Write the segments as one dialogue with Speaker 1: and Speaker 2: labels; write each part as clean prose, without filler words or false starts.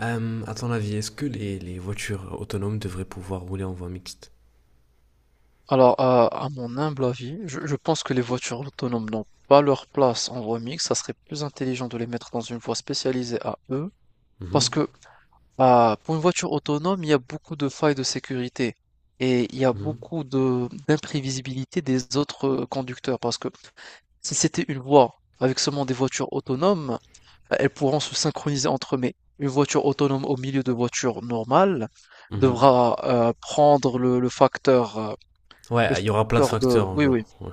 Speaker 1: À ton avis, est-ce que les voitures autonomes devraient pouvoir rouler en voie mixte?
Speaker 2: Alors, à mon humble avis, je pense que les voitures autonomes n'ont pas leur place en voie mixte. Ça serait plus intelligent de les mettre dans une voie spécialisée à eux. Parce
Speaker 1: Mhm,
Speaker 2: que pour une voiture autonome, il y a beaucoup de failles de sécurité et il y a
Speaker 1: mhm.
Speaker 2: beaucoup de d'imprévisibilité des autres conducteurs. Parce que si c'était une voie avec seulement des voitures autonomes, bah, elles pourront se synchroniser entre eux. Mais une voiture autonome au milieu de voitures normales
Speaker 1: Mhm.
Speaker 2: devra prendre le facteur, le
Speaker 1: Ouais, il y aura plein de
Speaker 2: facteur de.
Speaker 1: facteurs en
Speaker 2: Oui,
Speaker 1: jeu.
Speaker 2: oui.
Speaker 1: Ouais.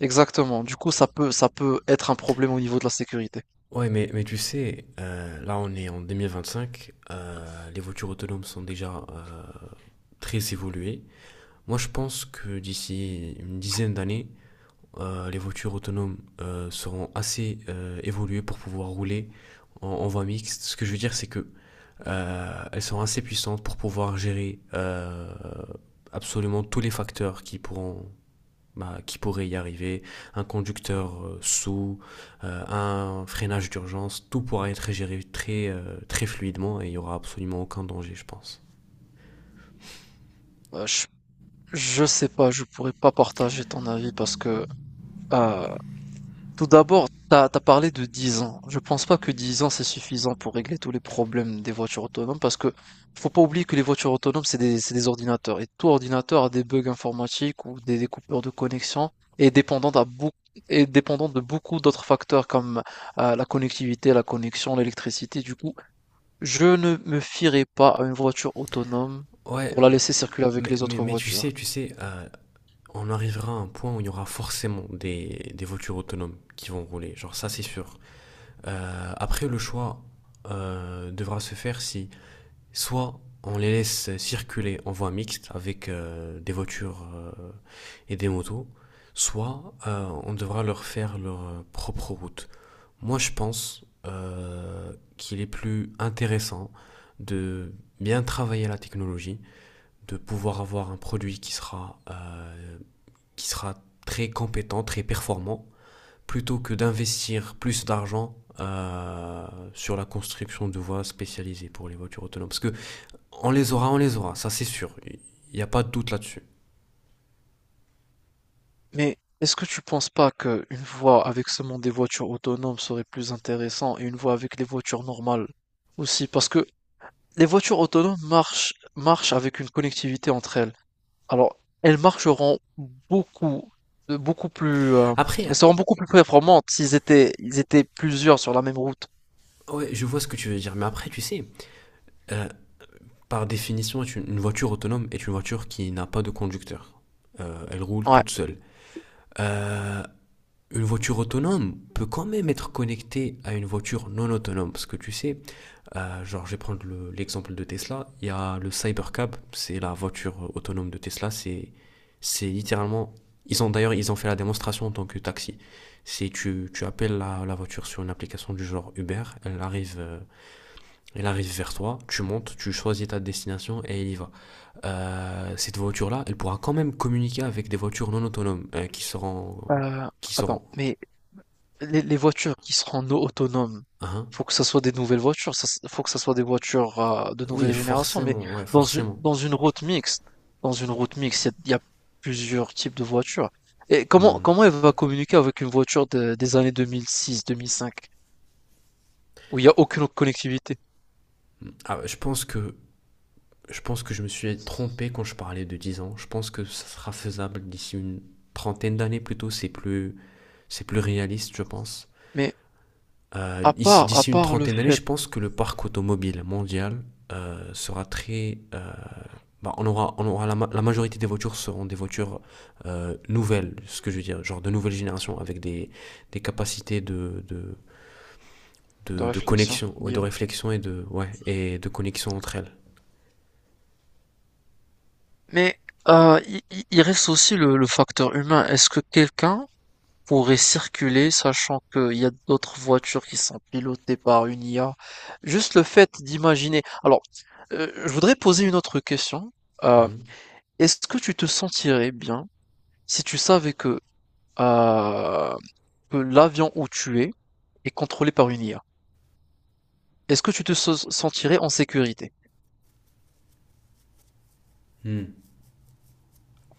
Speaker 2: Exactement. Du coup, ça peut être un problème au niveau de la sécurité.
Speaker 1: Ouais, mais tu sais, là on est en 2025, les voitures autonomes sont déjà très évoluées. Moi je pense que d'ici une dizaine d'années, les voitures autonomes seront assez évoluées pour pouvoir rouler en voie mixte. Ce que je veux dire, c'est que elles sont assez puissantes pour pouvoir gérer absolument tous les facteurs qui pourront, bah, qui pourraient y arriver, un conducteur, sous, un freinage d'urgence, tout pourra être géré très, très fluidement et il n'y aura absolument aucun danger, je pense.
Speaker 2: Euh, je, je sais pas, je pourrais pas partager ton avis parce que, euh, tout d'abord, t'as parlé de 10 ans. Je pense pas que 10 ans c'est suffisant pour régler tous les problèmes des voitures autonomes parce que faut pas oublier que les voitures autonomes, c'est des ordinateurs et tout ordinateur a des bugs informatiques ou des coupures de connexion et dépendant à beaucoup, et dépendant de beaucoup d'autres facteurs comme, la connectivité, la connexion, l'électricité. Du coup, je ne me fierai pas à une voiture autonome
Speaker 1: Ouais,
Speaker 2: pour la laisser circuler avec
Speaker 1: mais,
Speaker 2: les
Speaker 1: mais,
Speaker 2: autres
Speaker 1: mais tu sais,
Speaker 2: voitures.
Speaker 1: tu sais, on arrivera à un point où il y aura forcément des voitures autonomes qui vont rouler, genre ça c'est sûr. Après, le choix devra se faire si. Soit on les laisse circuler en voie mixte avec des voitures et des motos, soit on devra leur faire leur propre route. Moi, je pense qu'il est plus intéressant de bien travailler la technologie, de pouvoir avoir un produit qui sera très compétent, très performant, plutôt que d'investir plus d'argent sur la construction de voies spécialisées pour les voitures autonomes. Parce que on les aura, ça c'est sûr. Il n'y a pas de doute là-dessus.
Speaker 2: Mais est-ce que tu penses pas qu'une voie avec seulement des voitures autonomes serait plus intéressant et une voie avec les voitures normales aussi? Parce que les voitures autonomes marchent avec une connectivité entre elles. Alors, elles marcheront beaucoup, de beaucoup plus, elles
Speaker 1: Après,
Speaker 2: seront beaucoup plus performantes s'ils étaient plusieurs sur la même route.
Speaker 1: ouais, je vois ce que tu veux dire, mais après, tu sais, euh, par définition, une voiture autonome est une voiture qui n'a pas de conducteur. Elle roule
Speaker 2: Ouais.
Speaker 1: toute seule. Euh, une voiture autonome peut quand même être connectée à une voiture non autonome, parce que tu sais. Genre, je vais prendre l'exemple de Tesla. Il y a le Cybercab, c'est la voiture autonome de Tesla. C'est littéralement. Ils ont d'ailleurs, ils ont fait la démonstration en tant que taxi. C'est tu appelles la voiture sur une application du genre Uber, elle arrive vers toi, tu montes, tu choisis ta destination et elle y va. Cette voiture-là, elle pourra quand même communiquer avec des voitures non autonomes qui seront,
Speaker 2: Euh,
Speaker 1: qui
Speaker 2: attends,
Speaker 1: seront.
Speaker 2: mais les voitures qui seront autonomes,
Speaker 1: Hein,
Speaker 2: faut que ça soit des nouvelles voitures, ça, faut que ça soit des voitures de
Speaker 1: oui,
Speaker 2: nouvelle génération. Mais
Speaker 1: forcément, ouais,
Speaker 2: dans une
Speaker 1: forcément.
Speaker 2: dans une route mixte, il y a plusieurs types de voitures. Et comment
Speaker 1: Hmm.
Speaker 2: comment elle va communiquer avec une voiture des années 2006, 2005, où il n'y a aucune connectivité?
Speaker 1: Ah, je pense que je me suis trompé quand je parlais de 10 ans. Je pense que ça sera faisable d'ici une trentaine d'années plutôt. C'est plus réaliste, je pense.
Speaker 2: Mais
Speaker 1: Euh,
Speaker 2: à part, à
Speaker 1: D'ici une
Speaker 2: part le
Speaker 1: trentaine d'années,
Speaker 2: fait
Speaker 1: je pense que le parc automobile mondial sera très. Bah, on aura la majorité des voitures seront des voitures nouvelles, ce que je veux dire, genre de nouvelle génération avec des capacités de, de,
Speaker 2: de
Speaker 1: de, de
Speaker 2: réflexion,
Speaker 1: connexion, ouais, de
Speaker 2: d'IA.
Speaker 1: réflexion et de, ouais, et de connexion entre elles.
Speaker 2: Mais il reste aussi le facteur humain. Est-ce que quelqu'un pourrait circuler sachant qu'il y a d'autres voitures qui sont pilotées par une IA? Juste le fait d'imaginer. Alors, je voudrais poser une autre question. Euh, Est-ce que tu te sentirais bien si tu savais euh, que l'avion où tu es est contrôlé par une IA? Est-ce que tu te sentirais en sécurité?
Speaker 1: Hmm.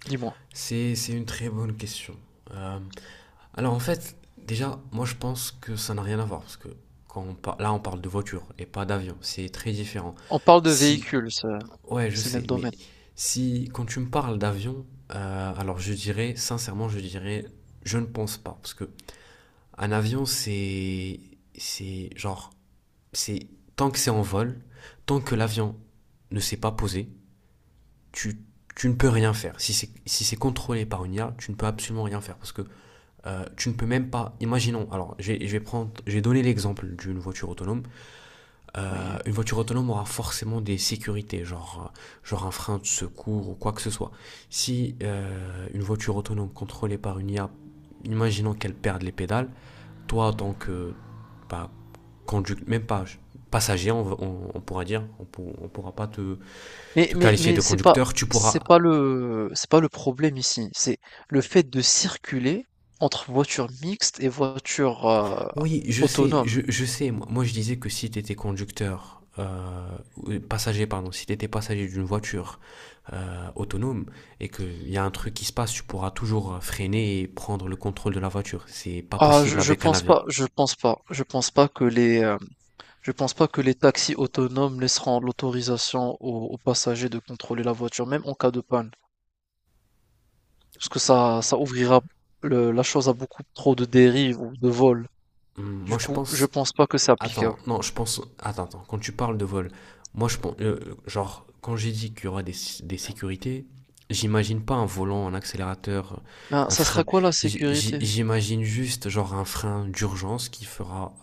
Speaker 2: Dis-moi.
Speaker 1: C'est une très bonne question. Euh, Alors en fait, déjà, moi je pense que ça n'a rien à voir parce que quand là on parle de voiture et pas d'avion, c'est très différent.
Speaker 2: On parle de
Speaker 1: Si,
Speaker 2: véhicules,
Speaker 1: ouais, je
Speaker 2: c'est le
Speaker 1: sais,
Speaker 2: même
Speaker 1: mais
Speaker 2: domaine.
Speaker 1: si quand tu me parles d'avion, alors je dirais sincèrement, je ne pense pas parce que un avion c'est genre c'est tant que c'est en vol, tant que l'avion ne s'est pas posé, tu tu ne peux rien faire. Si c'est contrôlé par une IA, tu ne peux absolument rien faire parce que tu ne peux même pas, imaginons, alors je vais prendre, j'ai donné l'exemple d'une voiture autonome.
Speaker 2: Oui.
Speaker 1: Une voiture autonome aura forcément des sécurités, genre un frein de secours ou quoi que ce soit. Si une voiture autonome contrôlée par une IA, imaginons qu'elle perde les pédales, toi en tant que, bah, conducteur, même pas passager, on pourra dire, on pourra pas te,
Speaker 2: Mais mais
Speaker 1: qualifier
Speaker 2: mais
Speaker 1: de
Speaker 2: c'est pas
Speaker 1: conducteur, tu pourras.
Speaker 2: c'est pas le c'est pas le problème ici, c'est le fait de circuler entre voitures mixtes et voitures,
Speaker 1: Oui, je sais,
Speaker 2: autonomes.
Speaker 1: je sais. Moi, je disais que si tu étais conducteur, passager, pardon, si tu étais passager d'une voiture autonome et qu'il y a un truc qui se passe, tu pourras toujours freiner et prendre le contrôle de la voiture. C'est pas
Speaker 2: Ah,
Speaker 1: possible
Speaker 2: je
Speaker 1: avec un
Speaker 2: pense
Speaker 1: avion.
Speaker 2: pas je pense pas je pense pas que les taxis autonomes laisseront l'autorisation aux passagers de contrôler la voiture, même en cas de panne. Parce que ça ouvrira le la chose à beaucoup trop de dérives ou de vols.
Speaker 1: Moi,
Speaker 2: Du
Speaker 1: je
Speaker 2: coup, je
Speaker 1: pense.
Speaker 2: pense pas que c'est
Speaker 1: Attends,
Speaker 2: applicable.
Speaker 1: non, je pense. Attends, attends, quand tu parles de vol, moi je pense. Genre, quand j'ai dit qu'il y aura des sécurités, j'imagine pas un volant, un accélérateur,
Speaker 2: Ben,
Speaker 1: un
Speaker 2: ça sera
Speaker 1: frein.
Speaker 2: quoi la sécurité?
Speaker 1: J'imagine juste, genre, un frein d'urgence qui fera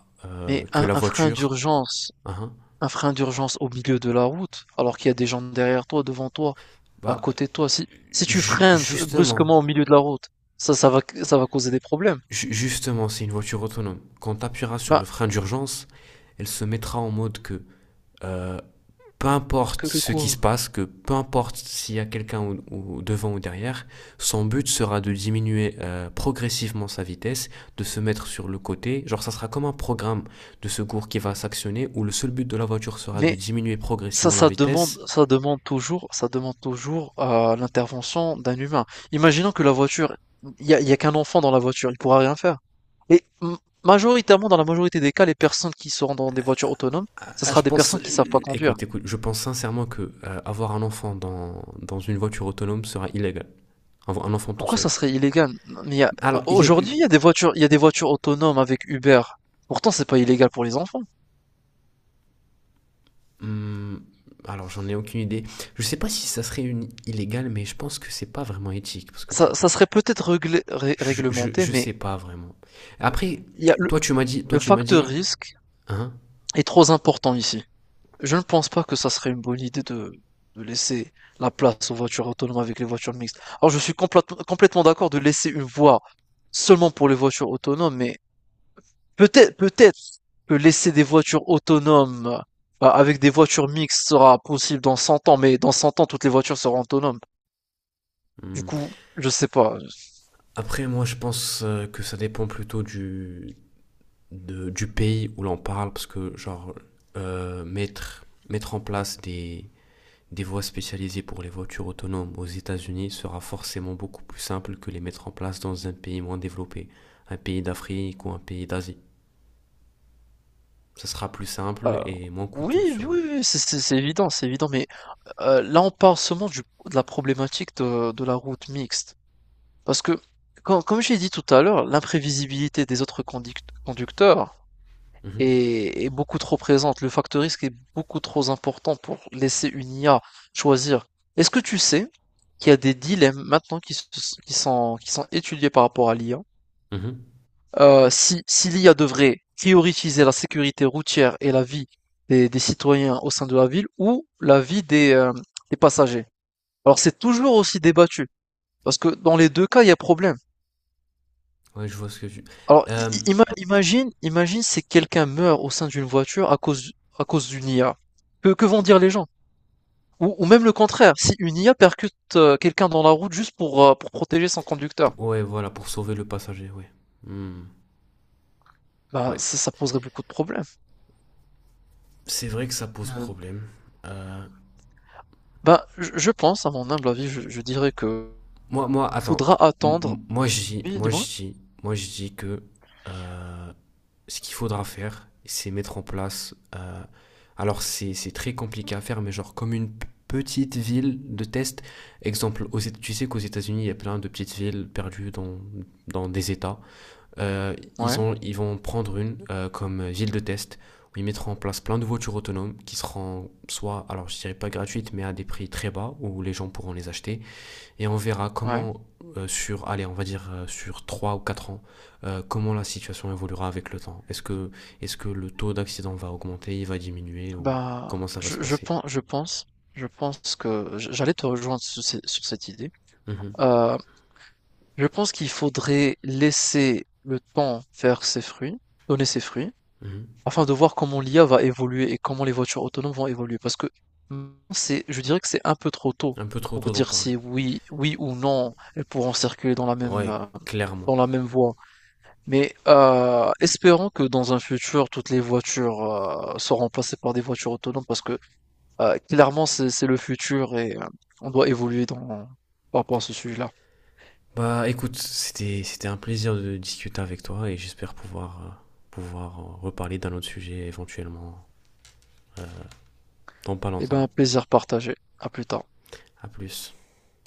Speaker 2: Mais
Speaker 1: que
Speaker 2: un
Speaker 1: la
Speaker 2: un frein
Speaker 1: voiture.
Speaker 2: d'urgence.
Speaker 1: Hein,
Speaker 2: Un frein d'urgence au milieu de la route, alors qu'il y a des gens derrière toi, devant toi, à
Speaker 1: bah,
Speaker 2: côté de toi. Si tu
Speaker 1: ju-
Speaker 2: freines
Speaker 1: justement,
Speaker 2: brusquement au milieu de la route, ça va causer des problèmes.
Speaker 1: justement, c'est une voiture autonome. Quand tu appuieras sur
Speaker 2: Bah,
Speaker 1: le frein d'urgence, elle se mettra en mode que euh, peu importe
Speaker 2: que
Speaker 1: ce qui
Speaker 2: quoi?
Speaker 1: se passe, que peu importe s'il y a quelqu'un ou devant ou derrière, son but sera de diminuer progressivement sa vitesse, de se mettre sur le côté. Genre, ça sera comme un programme de secours qui va s'actionner où le seul but de la voiture sera de
Speaker 2: Mais
Speaker 1: diminuer
Speaker 2: ça,
Speaker 1: progressivement la
Speaker 2: ça demande,
Speaker 1: vitesse.
Speaker 2: ça demande toujours, ça demande toujours l'intervention d'un humain. Imaginons que la voiture, il y a qu'un enfant dans la voiture, il pourra rien faire. Et majoritairement, dans la majorité des cas, les personnes qui seront dans des voitures autonomes, ce
Speaker 1: Ah,
Speaker 2: sera
Speaker 1: je
Speaker 2: des
Speaker 1: pense,
Speaker 2: personnes qui savent pas conduire.
Speaker 1: écoute, écoute, je pense sincèrement que avoir un enfant dans une voiture autonome sera illégal. Un enfant tout
Speaker 2: Pourquoi
Speaker 1: seul.
Speaker 2: ça serait illégal? Mais il y a-
Speaker 1: Alors, il est,
Speaker 2: Aujourd'hui, il y a des voitures autonomes avec Uber. Pourtant, c'est pas illégal pour les enfants.
Speaker 1: Hmm, alors j'en ai aucune idée. Je sais pas si ça serait une illégal, mais je pense que c'est pas vraiment éthique parce que
Speaker 2: Ça,
Speaker 1: tu,
Speaker 2: ça serait peut-être
Speaker 1: je, je,
Speaker 2: réglementé,
Speaker 1: je
Speaker 2: mais
Speaker 1: sais pas vraiment. Après,
Speaker 2: il y a le,
Speaker 1: toi tu m'as dit, toi
Speaker 2: le
Speaker 1: tu m'as
Speaker 2: facteur
Speaker 1: dit,
Speaker 2: risque
Speaker 1: hein?
Speaker 2: est trop important ici. Je ne pense pas que ça serait une bonne idée de laisser la place aux voitures autonomes avec les voitures mixtes. Alors, je suis complètement d'accord de laisser une voie seulement pour les voitures autonomes, mais peut-être que laisser des voitures autonomes avec des voitures mixtes sera possible dans 100 ans, mais dans 100 ans, toutes les voitures seront autonomes. Du
Speaker 1: Hmm.
Speaker 2: coup, je sais pas.
Speaker 1: Après moi je pense que ça dépend plutôt du pays où l'on parle parce que genre mettre en place des voies spécialisées pour les voitures autonomes aux États-Unis sera forcément beaucoup plus simple que les mettre en place dans un pays moins développé, un pays d'Afrique ou un pays d'Asie. Ça sera plus simple
Speaker 2: Euh,
Speaker 1: et moins
Speaker 2: oui,
Speaker 1: coûteux
Speaker 2: oui,
Speaker 1: sûrement.
Speaker 2: oui, oui, c'est évident, mais là, on parle seulement du de la problématique de la route mixte. Parce que, comme j'ai dit tout à l'heure, l'imprévisibilité des autres conducteurs
Speaker 1: Mhm.
Speaker 2: est beaucoup trop présente. Le facteur risque est beaucoup trop important pour laisser une IA choisir. Est-ce que tu sais qu'il y a des dilemmes maintenant qui sont étudiés par rapport à l'IA?
Speaker 1: Mhm.
Speaker 2: Si l'IA devrait prioriser la sécurité routière et la vie des citoyens au sein de la ville ou la vie des passagers? Alors c'est toujours aussi débattu, parce que dans les deux cas, il y a problème.
Speaker 1: Ouais, je vois ce que tu.
Speaker 2: Alors i-
Speaker 1: Euh, p-
Speaker 2: i- ima- imagine, imagine si quelqu'un meurt au sein d'une voiture à cause, d'une IA. Que vont dire les gens? Ou même le contraire, si une IA percute quelqu'un dans la route juste pour protéger son conducteur,
Speaker 1: ouais, voilà, pour sauver le passager, ouais. Hmm.
Speaker 2: bah,
Speaker 1: Ouais.
Speaker 2: ça poserait beaucoup de problèmes.
Speaker 1: C'est vrai que ça pose
Speaker 2: Euh,
Speaker 1: problème. Euh,
Speaker 2: bah, je pense, à mon humble avis, je dirais que
Speaker 1: moi, attends.
Speaker 2: faudra
Speaker 1: M-
Speaker 2: attendre.
Speaker 1: m- moi, je dis,
Speaker 2: Oui,
Speaker 1: moi, je
Speaker 2: dis-moi.
Speaker 1: dis, moi, je dis que euh, ce qu'il faudra faire, c'est mettre en place. Alors, c'est très compliqué à faire, mais genre comme une petite ville de test. Exemple, tu sais qu'aux États-Unis, il y a plein de petites villes perdues dans des États. euh,
Speaker 2: Ouais,
Speaker 1: ils vont prendre une comme ville de test où ils mettront en place plein de voitures autonomes qui seront soit, alors je dirais pas gratuites, mais à des prix très bas où les gens pourront les acheter. Et on verra
Speaker 2: ouais.
Speaker 1: comment, sur, allez, on va dire sur 3 ou 4 ans, comment la situation évoluera avec le temps. Est-ce que le taux d'accident va augmenter, il va diminuer ou
Speaker 2: Bah,
Speaker 1: comment ça va se
Speaker 2: je, je
Speaker 1: passer.
Speaker 2: pense, je pense, je pense que j'allais te rejoindre sur cette idée.
Speaker 1: Mhm,
Speaker 2: Euh, je pense qu'il faudrait laisser le temps faire ses fruits, donner ses fruits,
Speaker 1: mhm.
Speaker 2: afin de voir comment l'IA va évoluer et comment les voitures autonomes vont évoluer. Parce que c'est, je dirais que c'est un peu trop tôt
Speaker 1: Un peu trop
Speaker 2: pour
Speaker 1: tôt d'en
Speaker 2: dire
Speaker 1: parler.
Speaker 2: si oui, oui ou non, elles pourront circuler dans la même,
Speaker 1: Ouais,
Speaker 2: euh,
Speaker 1: clairement.
Speaker 2: dans la même voie. Mais espérons que dans un futur, toutes les voitures seront remplacées par des voitures autonomes parce que clairement, c'est le futur et on doit évoluer par rapport à ce sujet-là.
Speaker 1: Bah écoute, c'était un plaisir de discuter avec toi et j'espère pouvoir pouvoir reparler d'un autre sujet éventuellement dans pas
Speaker 2: Eh
Speaker 1: longtemps.
Speaker 2: bien, plaisir partagé. À plus tard.
Speaker 1: À plus.